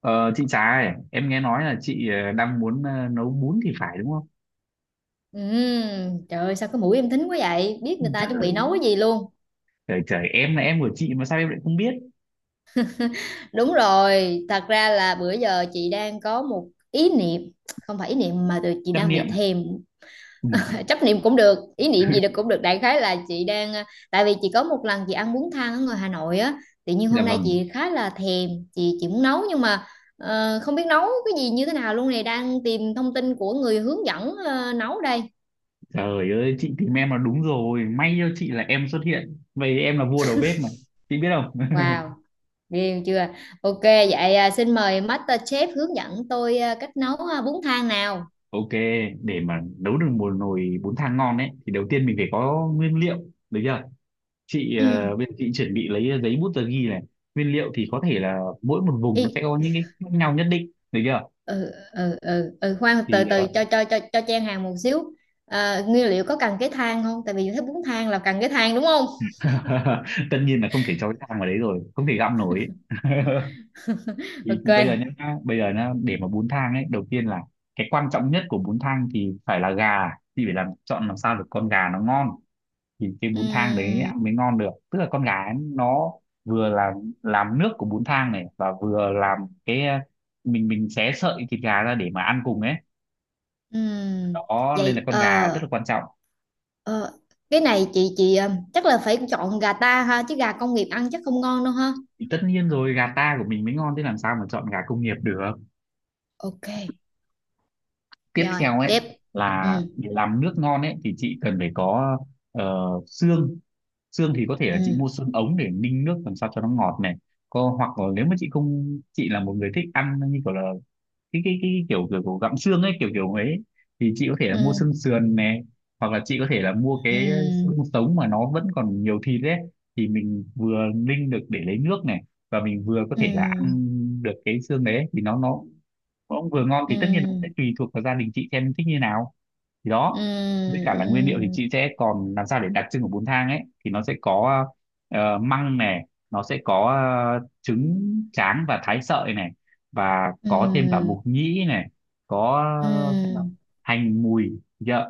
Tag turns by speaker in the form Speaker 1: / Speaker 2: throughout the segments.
Speaker 1: Ờ, chị Trà ơi, em nghe nói là chị đang muốn nấu bún thì phải đúng không?
Speaker 2: Trời ơi, sao cái mũi em thính quá vậy, biết người ta chuẩn
Speaker 1: Trời,
Speaker 2: bị nấu cái gì luôn.
Speaker 1: trời, em là em của chị mà sao em lại không biết?
Speaker 2: Đúng rồi, thật ra là bữa giờ chị đang có một ý niệm. Không phải ý niệm mà từ chị
Speaker 1: Tâm
Speaker 2: đang bị
Speaker 1: niệm.
Speaker 2: thèm. Chấp niệm cũng được, ý niệm gì
Speaker 1: Ừ.
Speaker 2: được cũng được, đại khái là chị đang tại vì chị có một lần chị ăn bún thang ở ngoài Hà Nội á. Tự nhiên
Speaker 1: Dạ
Speaker 2: hôm nay
Speaker 1: vâng,
Speaker 2: chị khá là thèm, chị muốn nấu nhưng mà không biết nấu cái gì như thế nào luôn, này đang tìm thông tin của người hướng dẫn nấu đây.
Speaker 1: trời ơi, chị tìm em là đúng rồi, may cho chị là em xuất hiện. Vậy em là vua đầu bếp mà, chị biết không?
Speaker 2: Wow. Riêu chưa? Ok, vậy à, xin mời Master Chef hướng dẫn tôi cách nấu bún thang nào.
Speaker 1: Ok, để mà nấu được một nồi bún thang ngon ấy, thì đầu tiên mình phải có nguyên liệu, được chưa? Chị,
Speaker 2: Ừ,
Speaker 1: bây giờ chị chuẩn bị lấy giấy bút tờ ghi này. Nguyên liệu thì có thể là mỗi một vùng nó sẽ
Speaker 2: y,
Speaker 1: có những cái khác nhau nhất định, được chưa?
Speaker 2: ừ, khoan,
Speaker 1: thì
Speaker 2: từ từ,
Speaker 1: ờ,
Speaker 2: cho chen hàng một xíu. À, nguyên liệu có cần cái thang không? Tại vì thấy bún thang là cần cái thang đúng không?
Speaker 1: Tất nhiên là không thể cho cái thang vào đấy rồi, không thể găm nổi ấy. thì,
Speaker 2: Ok.
Speaker 1: thì bây giờ nhá, bây giờ nhá, để mà bún thang ấy đầu tiên là cái quan trọng nhất của bún thang thì phải là gà. Thì phải làm chọn làm sao được con gà nó ngon thì cái bún thang đấy
Speaker 2: Ừm,
Speaker 1: ăn mới ngon được, tức là con gà ấy, nó vừa là làm nước của bún thang này, và vừa làm cái ờ, mình xé sợi thịt gà ra để mà ăn cùng ấy,
Speaker 2: ừm.
Speaker 1: đó nên là
Speaker 2: Vậy
Speaker 1: con gà rất là quan trọng.
Speaker 2: ờ, cái này chị chắc là phải chọn gà ta ha, chứ gà công nghiệp ăn chắc không ngon đâu ha.
Speaker 1: Thì tất nhiên rồi, gà ta của mình mới ngon, thế làm sao mà chọn gà công nghiệp được.
Speaker 2: Ok,
Speaker 1: Tiếp
Speaker 2: rồi
Speaker 1: theo ấy.
Speaker 2: tiếp.
Speaker 1: Ừ,
Speaker 2: Ừ,
Speaker 1: là để làm nước ngon ấy thì chị cần phải có ờ, xương. Xương thì có thể là chị
Speaker 2: ừ,
Speaker 1: mua xương ống để ninh nước làm sao cho nó ngọt này, có hoặc là nếu mà chị không, chị là một người thích ăn như kiểu là kiểu gặm xương ấy, kiểu kiểu ấy thì chị có thể là mua
Speaker 2: ừ,
Speaker 1: xương sườn này, hoặc là chị có thể là mua
Speaker 2: ừ.
Speaker 1: cái xương sống mà nó vẫn còn nhiều thịt ấy, thì mình vừa ninh được để lấy nước này, và mình vừa có thể là ăn
Speaker 2: Ừ,
Speaker 1: được cái xương đấy thì nó cũng vừa ngon.
Speaker 2: ừ,
Speaker 1: Thì tất nhiên nó sẽ tùy thuộc vào gia đình chị xem thích như nào, thì
Speaker 2: ừ,
Speaker 1: đó. Với cả là
Speaker 2: ừ,
Speaker 1: nguyên liệu thì chị sẽ còn làm sao để đặc trưng của bún thang ấy, thì nó sẽ có măng này, nó sẽ có trứng tráng và thái sợi này, và có thêm cả
Speaker 2: ừ,
Speaker 1: mục nhĩ này, có xem nào,
Speaker 2: ừ.
Speaker 1: hành mùi dạ.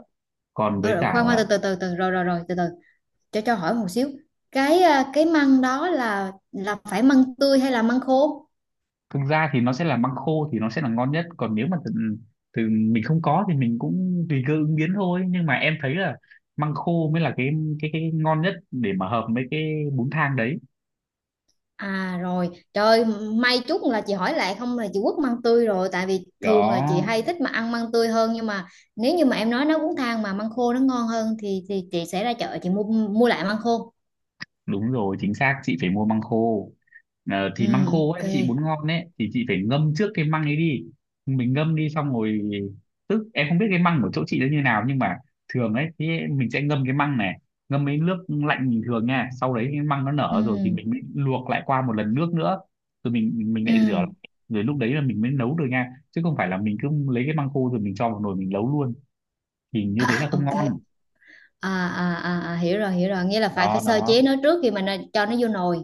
Speaker 1: Còn
Speaker 2: Ờ,
Speaker 1: với
Speaker 2: Rồi,
Speaker 1: cả
Speaker 2: khoan khoan,
Speaker 1: là
Speaker 2: từ từ rồi rồi rồi từ từ, cho hỏi một xíu. Cái cái măng đó là phải măng tươi hay là măng khô?
Speaker 1: thực ra thì nó sẽ là măng khô thì nó sẽ là ngon nhất, còn nếu mà từ, từ mình không có thì mình cũng tùy cơ ứng biến thôi, nhưng mà em thấy là măng khô mới là cái ngon nhất để mà hợp với cái bún thang đấy,
Speaker 2: À rồi, trời, may chút là chị hỏi lại, không là chị quất măng tươi rồi, tại vì thường là chị
Speaker 1: đó.
Speaker 2: hay thích mà ăn măng tươi hơn, nhưng mà nếu như mà em nói nó cũng thang mà măng khô nó ngon hơn thì chị sẽ ra chợ chị mua mua lại măng khô.
Speaker 1: Đúng rồi, chính xác, chị phải mua măng khô. Ờ,
Speaker 2: Ừ,
Speaker 1: thì măng khô ấy chị
Speaker 2: ok.
Speaker 1: muốn ngon ấy thì chị phải ngâm trước cái măng ấy đi, mình ngâm đi xong rồi, tức em không biết cái măng của chỗ chị nó như nào, nhưng mà thường ấy thì mình sẽ ngâm cái măng này, ngâm với nước lạnh bình thường nha, sau đấy cái măng nó nở rồi thì
Speaker 2: Ừ,
Speaker 1: mình mới luộc lại qua một lần nước nữa, rồi mình lại rửa,
Speaker 2: ừ.
Speaker 1: rồi lúc đấy là mình mới nấu được nha, chứ không phải là mình cứ lấy cái măng khô rồi mình cho vào nồi mình nấu luôn, thì như
Speaker 2: À,
Speaker 1: thế là không
Speaker 2: ok.
Speaker 1: ngon.
Speaker 2: Hiểu rồi, hiểu rồi, nghĩa là phải
Speaker 1: Đó
Speaker 2: phải sơ chế
Speaker 1: đó,
Speaker 2: nó trước khi mà nó, cho nó vô nồi.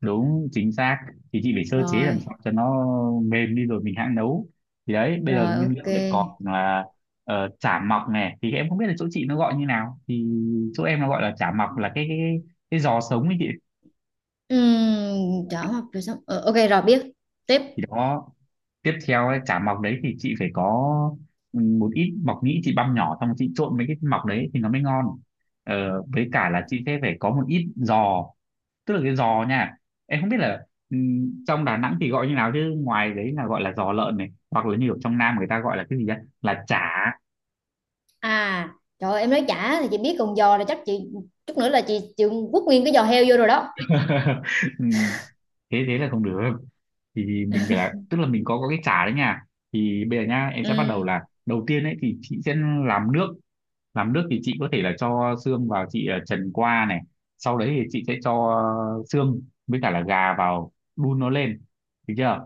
Speaker 1: đúng chính xác, thì chị phải sơ chế làm
Speaker 2: Rồi,
Speaker 1: sao cho nó mềm đi rồi mình hãng nấu. Thì đấy, bây giờ
Speaker 2: rồi
Speaker 1: nguyên
Speaker 2: ok.
Speaker 1: liệu để còn là chả mọc này, thì em không biết là chỗ chị nó gọi như nào, thì chỗ em nó gọi là chả mọc là cái giò sống ấy chị.
Speaker 2: Uhm, chả học rồi, xong. Ờ, ok rồi, biết. Tiếp.
Speaker 1: Thì đó, tiếp theo ấy, chả mọc đấy thì chị phải có ừ, một ít mọc nhĩ chị băm nhỏ, xong chị trộn mấy cái mọc đấy thì nó mới ngon. Ờ, với cả là chị sẽ phải có một ít giò, tức là cái giò nha, em không biết là trong Đà Nẵng thì gọi như nào, chứ ngoài đấy là gọi là giò lợn này, hoặc là như ở trong Nam người ta gọi là cái gì đó là chả.
Speaker 2: À, trời ơi, em nói chả thì chị biết, còn giò là chắc chị chút nữa là chị chịu quất nguyên cái giò heo vô rồi đó.
Speaker 1: Ừm, Thế thế là không được, thì mình phải là, tức là mình có cái chả đấy nha. Thì bây giờ nha, em sẽ bắt đầu
Speaker 2: Ừm,
Speaker 1: là đầu tiên ấy thì chị sẽ làm nước. Làm nước thì chị có thể là cho xương vào chị trần qua này, sau đấy thì chị sẽ cho xương với cả là gà vào đun nó lên, được chưa.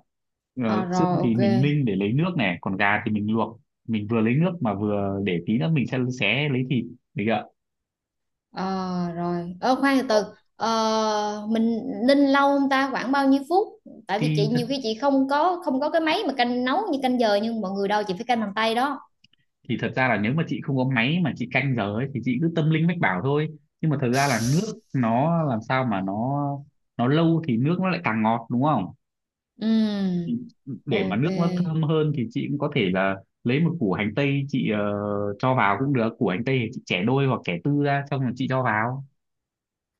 Speaker 2: à
Speaker 1: Ờ, xương
Speaker 2: rồi
Speaker 1: thì
Speaker 2: ok.
Speaker 1: mình ninh để lấy nước này, còn gà thì mình luộc, mình vừa lấy nước mà vừa để tí nữa mình sẽ xé lấy thịt, được chưa.
Speaker 2: Ờ, rồi, khoan từ từ.
Speaker 1: Ồ,
Speaker 2: Ờ, mình ninh lâu không ta, khoảng bao nhiêu phút? Tại vì chị
Speaker 1: thì thật
Speaker 2: nhiều khi chị không có cái máy mà canh nấu như canh giờ, nhưng mọi người đâu, chị phải canh bằng tay đó.
Speaker 1: thì thật ra là nếu mà chị không có máy mà chị canh giờ ấy thì chị cứ tâm linh mách bảo thôi, nhưng mà thật ra là nước nó làm sao mà nó lâu thì nước nó lại càng ngọt đúng không. Thì
Speaker 2: Ừ.
Speaker 1: để mà
Speaker 2: Ok.
Speaker 1: nước nó thơm hơn thì chị cũng có thể là lấy một củ hành tây, chị cho vào cũng được, củ hành tây thì chị chẻ đôi hoặc chẻ tư ra xong rồi chị cho vào.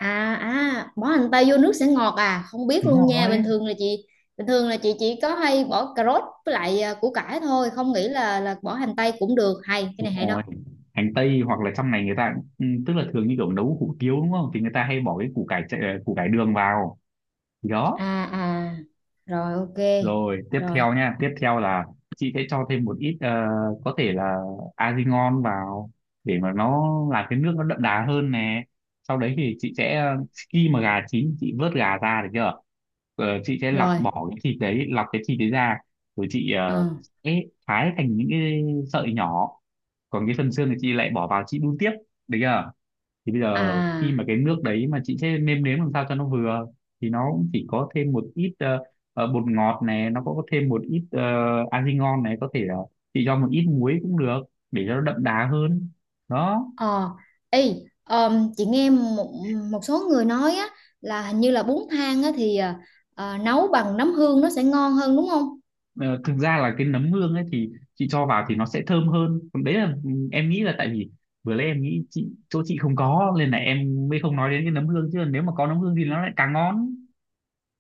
Speaker 2: À à, bỏ hành tây vô nước sẽ ngọt à? Không biết
Speaker 1: Đúng
Speaker 2: luôn nha. Bình
Speaker 1: rồi,
Speaker 2: thường là chị bình thường là chị chỉ có hay bỏ cà rốt với lại củ cải thôi, không nghĩ là bỏ hành tây cũng được. Hay, cái
Speaker 1: đúng
Speaker 2: này hay đó.
Speaker 1: rồi, hành tây hoặc là trong này người ta cũng- ừ, tức là thường như kiểu nấu hủ tiếu đúng không, thì người ta hay bỏ cái củ cải chạy- ờ, củ cải đường vào, thì đó.
Speaker 2: À à. Rồi ok.
Speaker 1: Rồi tiếp
Speaker 2: Rồi,
Speaker 1: theo nha, tiếp theo là chị sẽ cho thêm một ít có thể là Azingon vào để mà nó làm cái nước nó đậm đà hơn nè. Sau đấy thì chị sẽ khi mà gà chín chị vớt gà ra, được chưa? Ờ, chị sẽ lọc
Speaker 2: rồi.
Speaker 1: bỏ cái thịt đấy, lọc cái thịt đấy ra, rồi chị
Speaker 2: Ờ.
Speaker 1: sẽ thái thành những cái sợi nhỏ. Còn cái phần xương thì chị lại bỏ vào chị đun tiếp, được chưa? Thì bây giờ
Speaker 2: À.
Speaker 1: khi mà cái nước đấy mà chị sẽ nêm nếm làm sao cho nó vừa, thì nó cũng chỉ có thêm một ít bột ngọt này, nó có thêm một ít argi ngon này, có thể là chị cho một ít muối cũng được để cho nó đậm đà hơn, đó.
Speaker 2: Ờ. Ê, chị nghe một một số người nói á, là hình như là bún thang á thì nấu bằng nấm hương nó sẽ ngon hơn đúng không?
Speaker 1: Ờ, thực ra là cái nấm hương ấy thì chị cho vào thì nó sẽ thơm hơn, còn đấy là ừ, em nghĩ là tại vì vừa nãy em nghĩ chị, chỗ chị không có nên là em mới không nói đến cái nấm hương, chứ nếu mà có nấm hương thì nó lại càng ngon.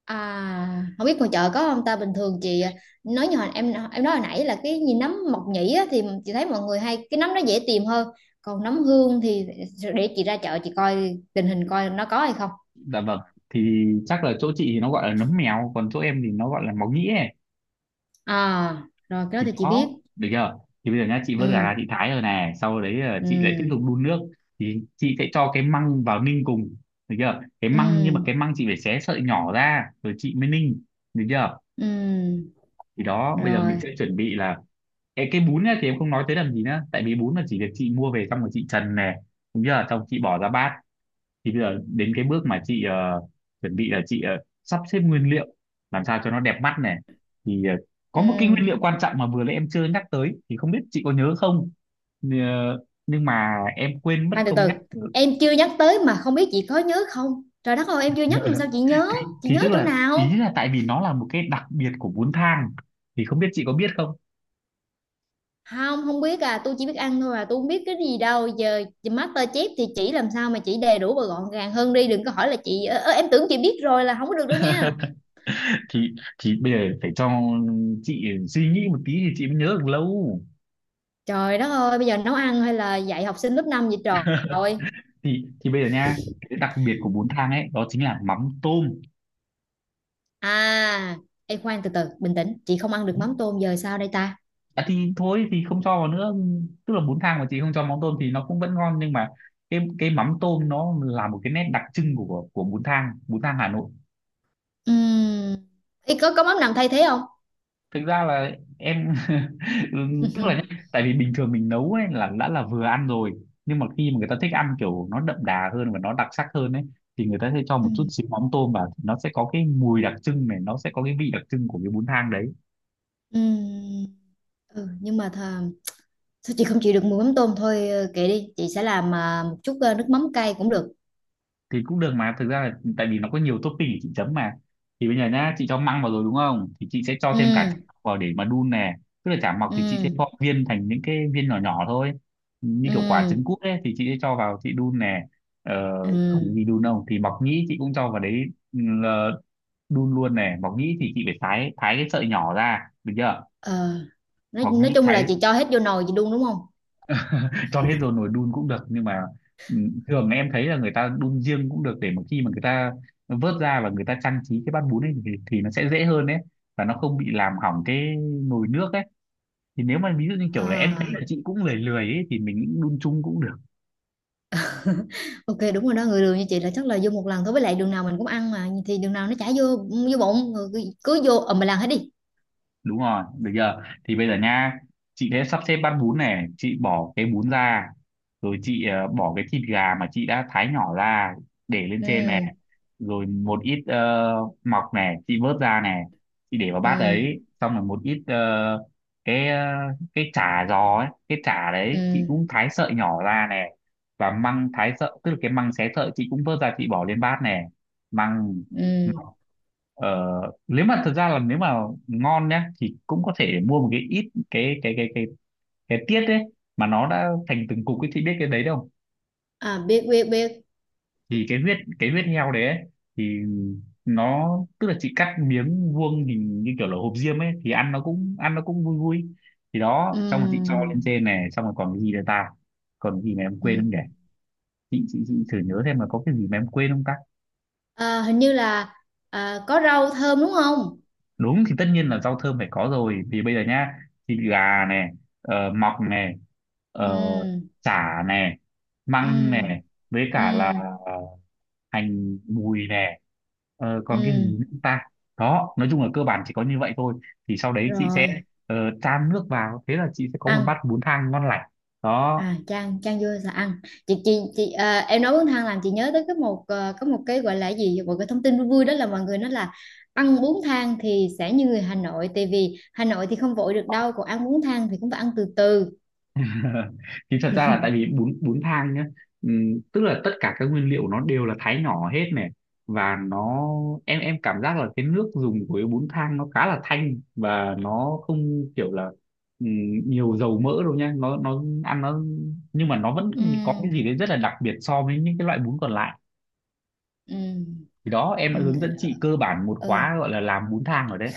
Speaker 2: À, không biết ngoài chợ có không ta, bình thường chị nói như hồi em nói hồi nãy là cái gì nấm mộc nhĩ á, thì chị thấy mọi người hay cái nấm nó dễ tìm hơn, còn nấm hương thì để chị ra chợ chị coi tình hình coi nó có hay không.
Speaker 1: Dạ vâng, thì chắc là chỗ chị thì nó gọi là nấm mèo, còn chỗ em thì nó gọi là máu nhĩ ấy,
Speaker 2: À rồi, cái đó
Speaker 1: thì
Speaker 2: thì chị
Speaker 1: đó,
Speaker 2: biết.
Speaker 1: được chưa. Thì bây giờ nhá, chị vớt gà ra
Speaker 2: ừ
Speaker 1: chị thái rồi nè, sau đấy là chị lại tiếp tục
Speaker 2: ừ
Speaker 1: đun nước, thì chị sẽ cho cái măng vào ninh cùng, được chưa, cái
Speaker 2: ừ
Speaker 1: măng nhưng mà cái măng chị phải xé sợi nhỏ ra rồi chị mới ninh, được chưa.
Speaker 2: ừ
Speaker 1: Thì đó, bây giờ mình sẽ
Speaker 2: Rồi.
Speaker 1: chuẩn bị là cái bún ấy, thì em không nói tới làm gì nữa tại vì bún là chỉ được chị mua về xong rồi chị trần nè, đúng chưa, xong chị bỏ ra bát. Thì bây giờ đến cái bước mà chị chuẩn bị là chị sắp xếp nguyên liệu làm sao cho nó đẹp mắt này. Thì có một cái nguyên
Speaker 2: ừ
Speaker 1: liệu quan trọng mà vừa nãy em chưa nhắc tới, thì không biết chị có nhớ không. Ờ, nhưng mà em quên mất
Speaker 2: Khoan từ
Speaker 1: không
Speaker 2: từ.
Speaker 1: nhắc.
Speaker 2: Em chưa nhắc tới mà không biết chị có nhớ không, trời đất ơi, em chưa nhắc mà sao chị nhớ?
Speaker 1: thì,
Speaker 2: Chị
Speaker 1: thì tức
Speaker 2: nhớ chỗ
Speaker 1: là ý
Speaker 2: nào?
Speaker 1: là tại vì nó là một cái đặc biệt của bún thang, thì không biết chị có biết không.
Speaker 2: Không không, biết à, tôi chỉ biết ăn thôi à, tôi không biết cái gì đâu giờ. Master Chef thì chỉ làm sao mà chỉ đầy đủ và gọn gàng hơn đi, đừng có hỏi là chị ơ, ơ, em tưởng chị biết rồi là không có được đâu nha.
Speaker 1: Thì bây giờ phải cho chị suy nghĩ một tí thì chị mới nhớ được lâu.
Speaker 2: Trời đất ơi, bây giờ nấu ăn hay là dạy học sinh lớp 5 vậy trời ơi.
Speaker 1: Thì bây giờ nha, cái đặc biệt của bún thang ấy đó chính là mắm tôm.
Speaker 2: à em khoan, từ từ, bình tĩnh, chị không ăn được mắm tôm, giờ sao đây ta?
Speaker 1: À, thì thôi thì không cho vào nữa, tức là bún thang mà chị không cho mắm tôm thì nó cũng vẫn ngon, nhưng mà cái mắm tôm nó là một cái nét đặc trưng của bún thang, bún thang Hà Nội.
Speaker 2: Ừm, Ý, có mắm nào thay thế không?
Speaker 1: Thực ra là em tức là nhá, tại vì bình thường mình nấu ấy là đã là vừa ăn rồi, nhưng mà khi mà người ta thích ăn kiểu nó đậm đà hơn và nó đặc sắc hơn ấy, thì người ta sẽ cho một chút
Speaker 2: Ừm,
Speaker 1: xíu mắm tôm vào, nó sẽ có cái mùi Đặc trưng này, nó sẽ có cái vị đặc trưng của cái bún thang đấy.
Speaker 2: ừm, ừ, nhưng mà thà, sao chị không chịu được mùi mắm tôm thôi, kệ đi, chị sẽ làm một chút nước mắm cay cũng được.
Speaker 1: Thì cũng được, mà thực ra là tại vì nó có nhiều topping để chị chấm mà. Thì bây giờ nhá, chị cho măng vào rồi đúng không, thì chị sẽ cho thêm cả chả
Speaker 2: Ừm,
Speaker 1: mọc vào để mà đun nè. Tức là chả mọc thì chị sẽ
Speaker 2: ừm.
Speaker 1: gọt viên thành những cái viên nhỏ nhỏ thôi, như kiểu quả trứng
Speaker 2: ừ
Speaker 1: cút ấy, thì chị sẽ cho vào chị đun nè. ờ, Còn cái
Speaker 2: ừ
Speaker 1: gì đun không thì mọc nhĩ chị cũng cho vào đấy. ừ, ờ, Đun luôn nè, mọc nhĩ thì chị phải thái thái cái sợi nhỏ ra được chưa.
Speaker 2: ờ nói,
Speaker 1: Mọc
Speaker 2: nói
Speaker 1: nhĩ
Speaker 2: chung là
Speaker 1: thái
Speaker 2: chị cho hết vô nồi chị đun đúng không?
Speaker 1: cho hết rồi nồi đun cũng được, nhưng mà ừ, thường em thấy là người ta đun riêng cũng được, để mà khi mà người ta vớt ra và người ta trang trí cái bát bún ấy thì nó sẽ dễ hơn đấy, và nó không bị làm hỏng cái nồi nước ấy. Thì nếu mà ví dụ như kiểu là em thấy
Speaker 2: À,
Speaker 1: là chị cũng lười lười ấy thì mình đun chung cũng được.
Speaker 2: ok đúng rồi đó, người đường như chị là chắc là vô một lần thôi, với lại đường nào mình cũng ăn mà, thì đường nào nó chả vô, vô bụng rồi cứ, cứ vô ầm mà làm hết đi.
Speaker 1: Đúng rồi, được giờ thì bây giờ nha, chị sẽ sắp xếp bát bún này, chị bỏ cái bún ra, rồi chị bỏ cái thịt gà mà chị đã thái nhỏ ra để lên trên này.
Speaker 2: ừ
Speaker 1: Rồi một ít mọc này, chị vớt ra này, chị để vào bát
Speaker 2: ừ
Speaker 1: đấy, xong rồi một ít cái cái chả giò ấy, cái chả
Speaker 2: ừ
Speaker 1: đấy chị cũng thái sợi nhỏ ra này. Và măng thái sợi, tức là cái măng xé sợi, chị cũng vớt ra chị bỏ lên bát này, măng.
Speaker 2: ừ
Speaker 1: Ờ, Nếu mà thật ra là, nếu mà ngon nhá, thì cũng có thể mua một cái ít cái tiết đấy, mà nó đã thành từng cục ấy, chị biết cái đấy đâu.
Speaker 2: À, biết biết biết.
Speaker 1: Thì cái huyết, cái huyết heo đấy ấy, thì nó, tức là chị cắt miếng vuông hình như kiểu là hộp diêm ấy, thì ăn nó cũng vui vui. Thì đó,
Speaker 2: Ừ,
Speaker 1: xong rồi chị cho lên trên này, xong rồi còn cái gì nữa ta? Còn cái gì mà em
Speaker 2: ừ,
Speaker 1: quên không nhỉ? chị chị
Speaker 2: ừ.
Speaker 1: chị thử nhớ xem là có cái gì mà em quên không ta?
Speaker 2: À, hình như là có rau thơm đúng không?
Speaker 1: Đúng, thì tất nhiên là rau thơm phải có rồi, vì bây giờ nhá, thịt gà này, mọc này, ờ,
Speaker 2: ừ
Speaker 1: chả này, măng
Speaker 2: ừ
Speaker 1: này, với
Speaker 2: ừ
Speaker 1: cả là ờ, hành mùi nè. Còn cái gì
Speaker 2: ừ
Speaker 1: nữa ta? Đó, nói chung là cơ bản chỉ có như vậy thôi. Thì sau đấy chị sẽ
Speaker 2: Rồi,
Speaker 1: ờ, chan nước vào, thế là chị sẽ có một bát
Speaker 2: ăn.
Speaker 1: bún thang ngon lành. Đó.
Speaker 2: À, Trang Trang vô là ăn. Em nói bún thang làm chị nhớ tới cái một có một cái gọi là gì, một cái thông tin vui vui, đó là mọi người nói là ăn bún thang thì sẽ như người Hà Nội, tại vì Hà Nội thì không vội được đâu, còn ăn bún thang thì cũng phải ăn từ từ.
Speaker 1: Thì thật ra là tại vì bún bún thang nhá, tức là tất cả các nguyên liệu nó đều là thái nhỏ hết này, và nó, em cảm giác là cái nước dùng của cái bún thang nó khá là thanh, và nó không kiểu là nhiều dầu mỡ đâu nha, nó ăn nó, nhưng mà nó vẫn
Speaker 2: Ừ,
Speaker 1: có cái gì đấy rất là đặc biệt so với những cái loại bún còn lại.
Speaker 2: ừ,
Speaker 1: Thì đó, em đã hướng dẫn
Speaker 2: ừ,
Speaker 1: chị cơ bản một
Speaker 2: ừ.
Speaker 1: khóa gọi là làm bún thang rồi đấy.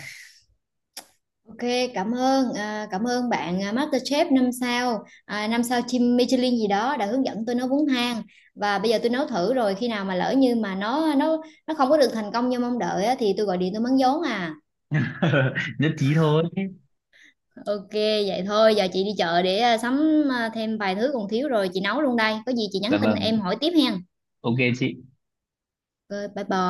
Speaker 2: Ok, cảm ơn cảm ơn bạn MasterChef 5 sao 5 sao chim Michelin gì đó đã hướng dẫn tôi nấu bún thang, và bây giờ tôi nấu thử, rồi khi nào mà lỡ như mà nó không có được thành công như mong đợi á, thì tôi gọi điện tôi mắng vốn
Speaker 1: Nhất trí thôi.
Speaker 2: Ok, vậy thôi, giờ chị đi chợ để sắm thêm vài thứ còn thiếu rồi, chị nấu luôn đây. Có gì chị nhắn
Speaker 1: Dạ
Speaker 2: tin
Speaker 1: vâng,
Speaker 2: em hỏi tiếp hen.
Speaker 1: ok chị.
Speaker 2: Ok, bye bye.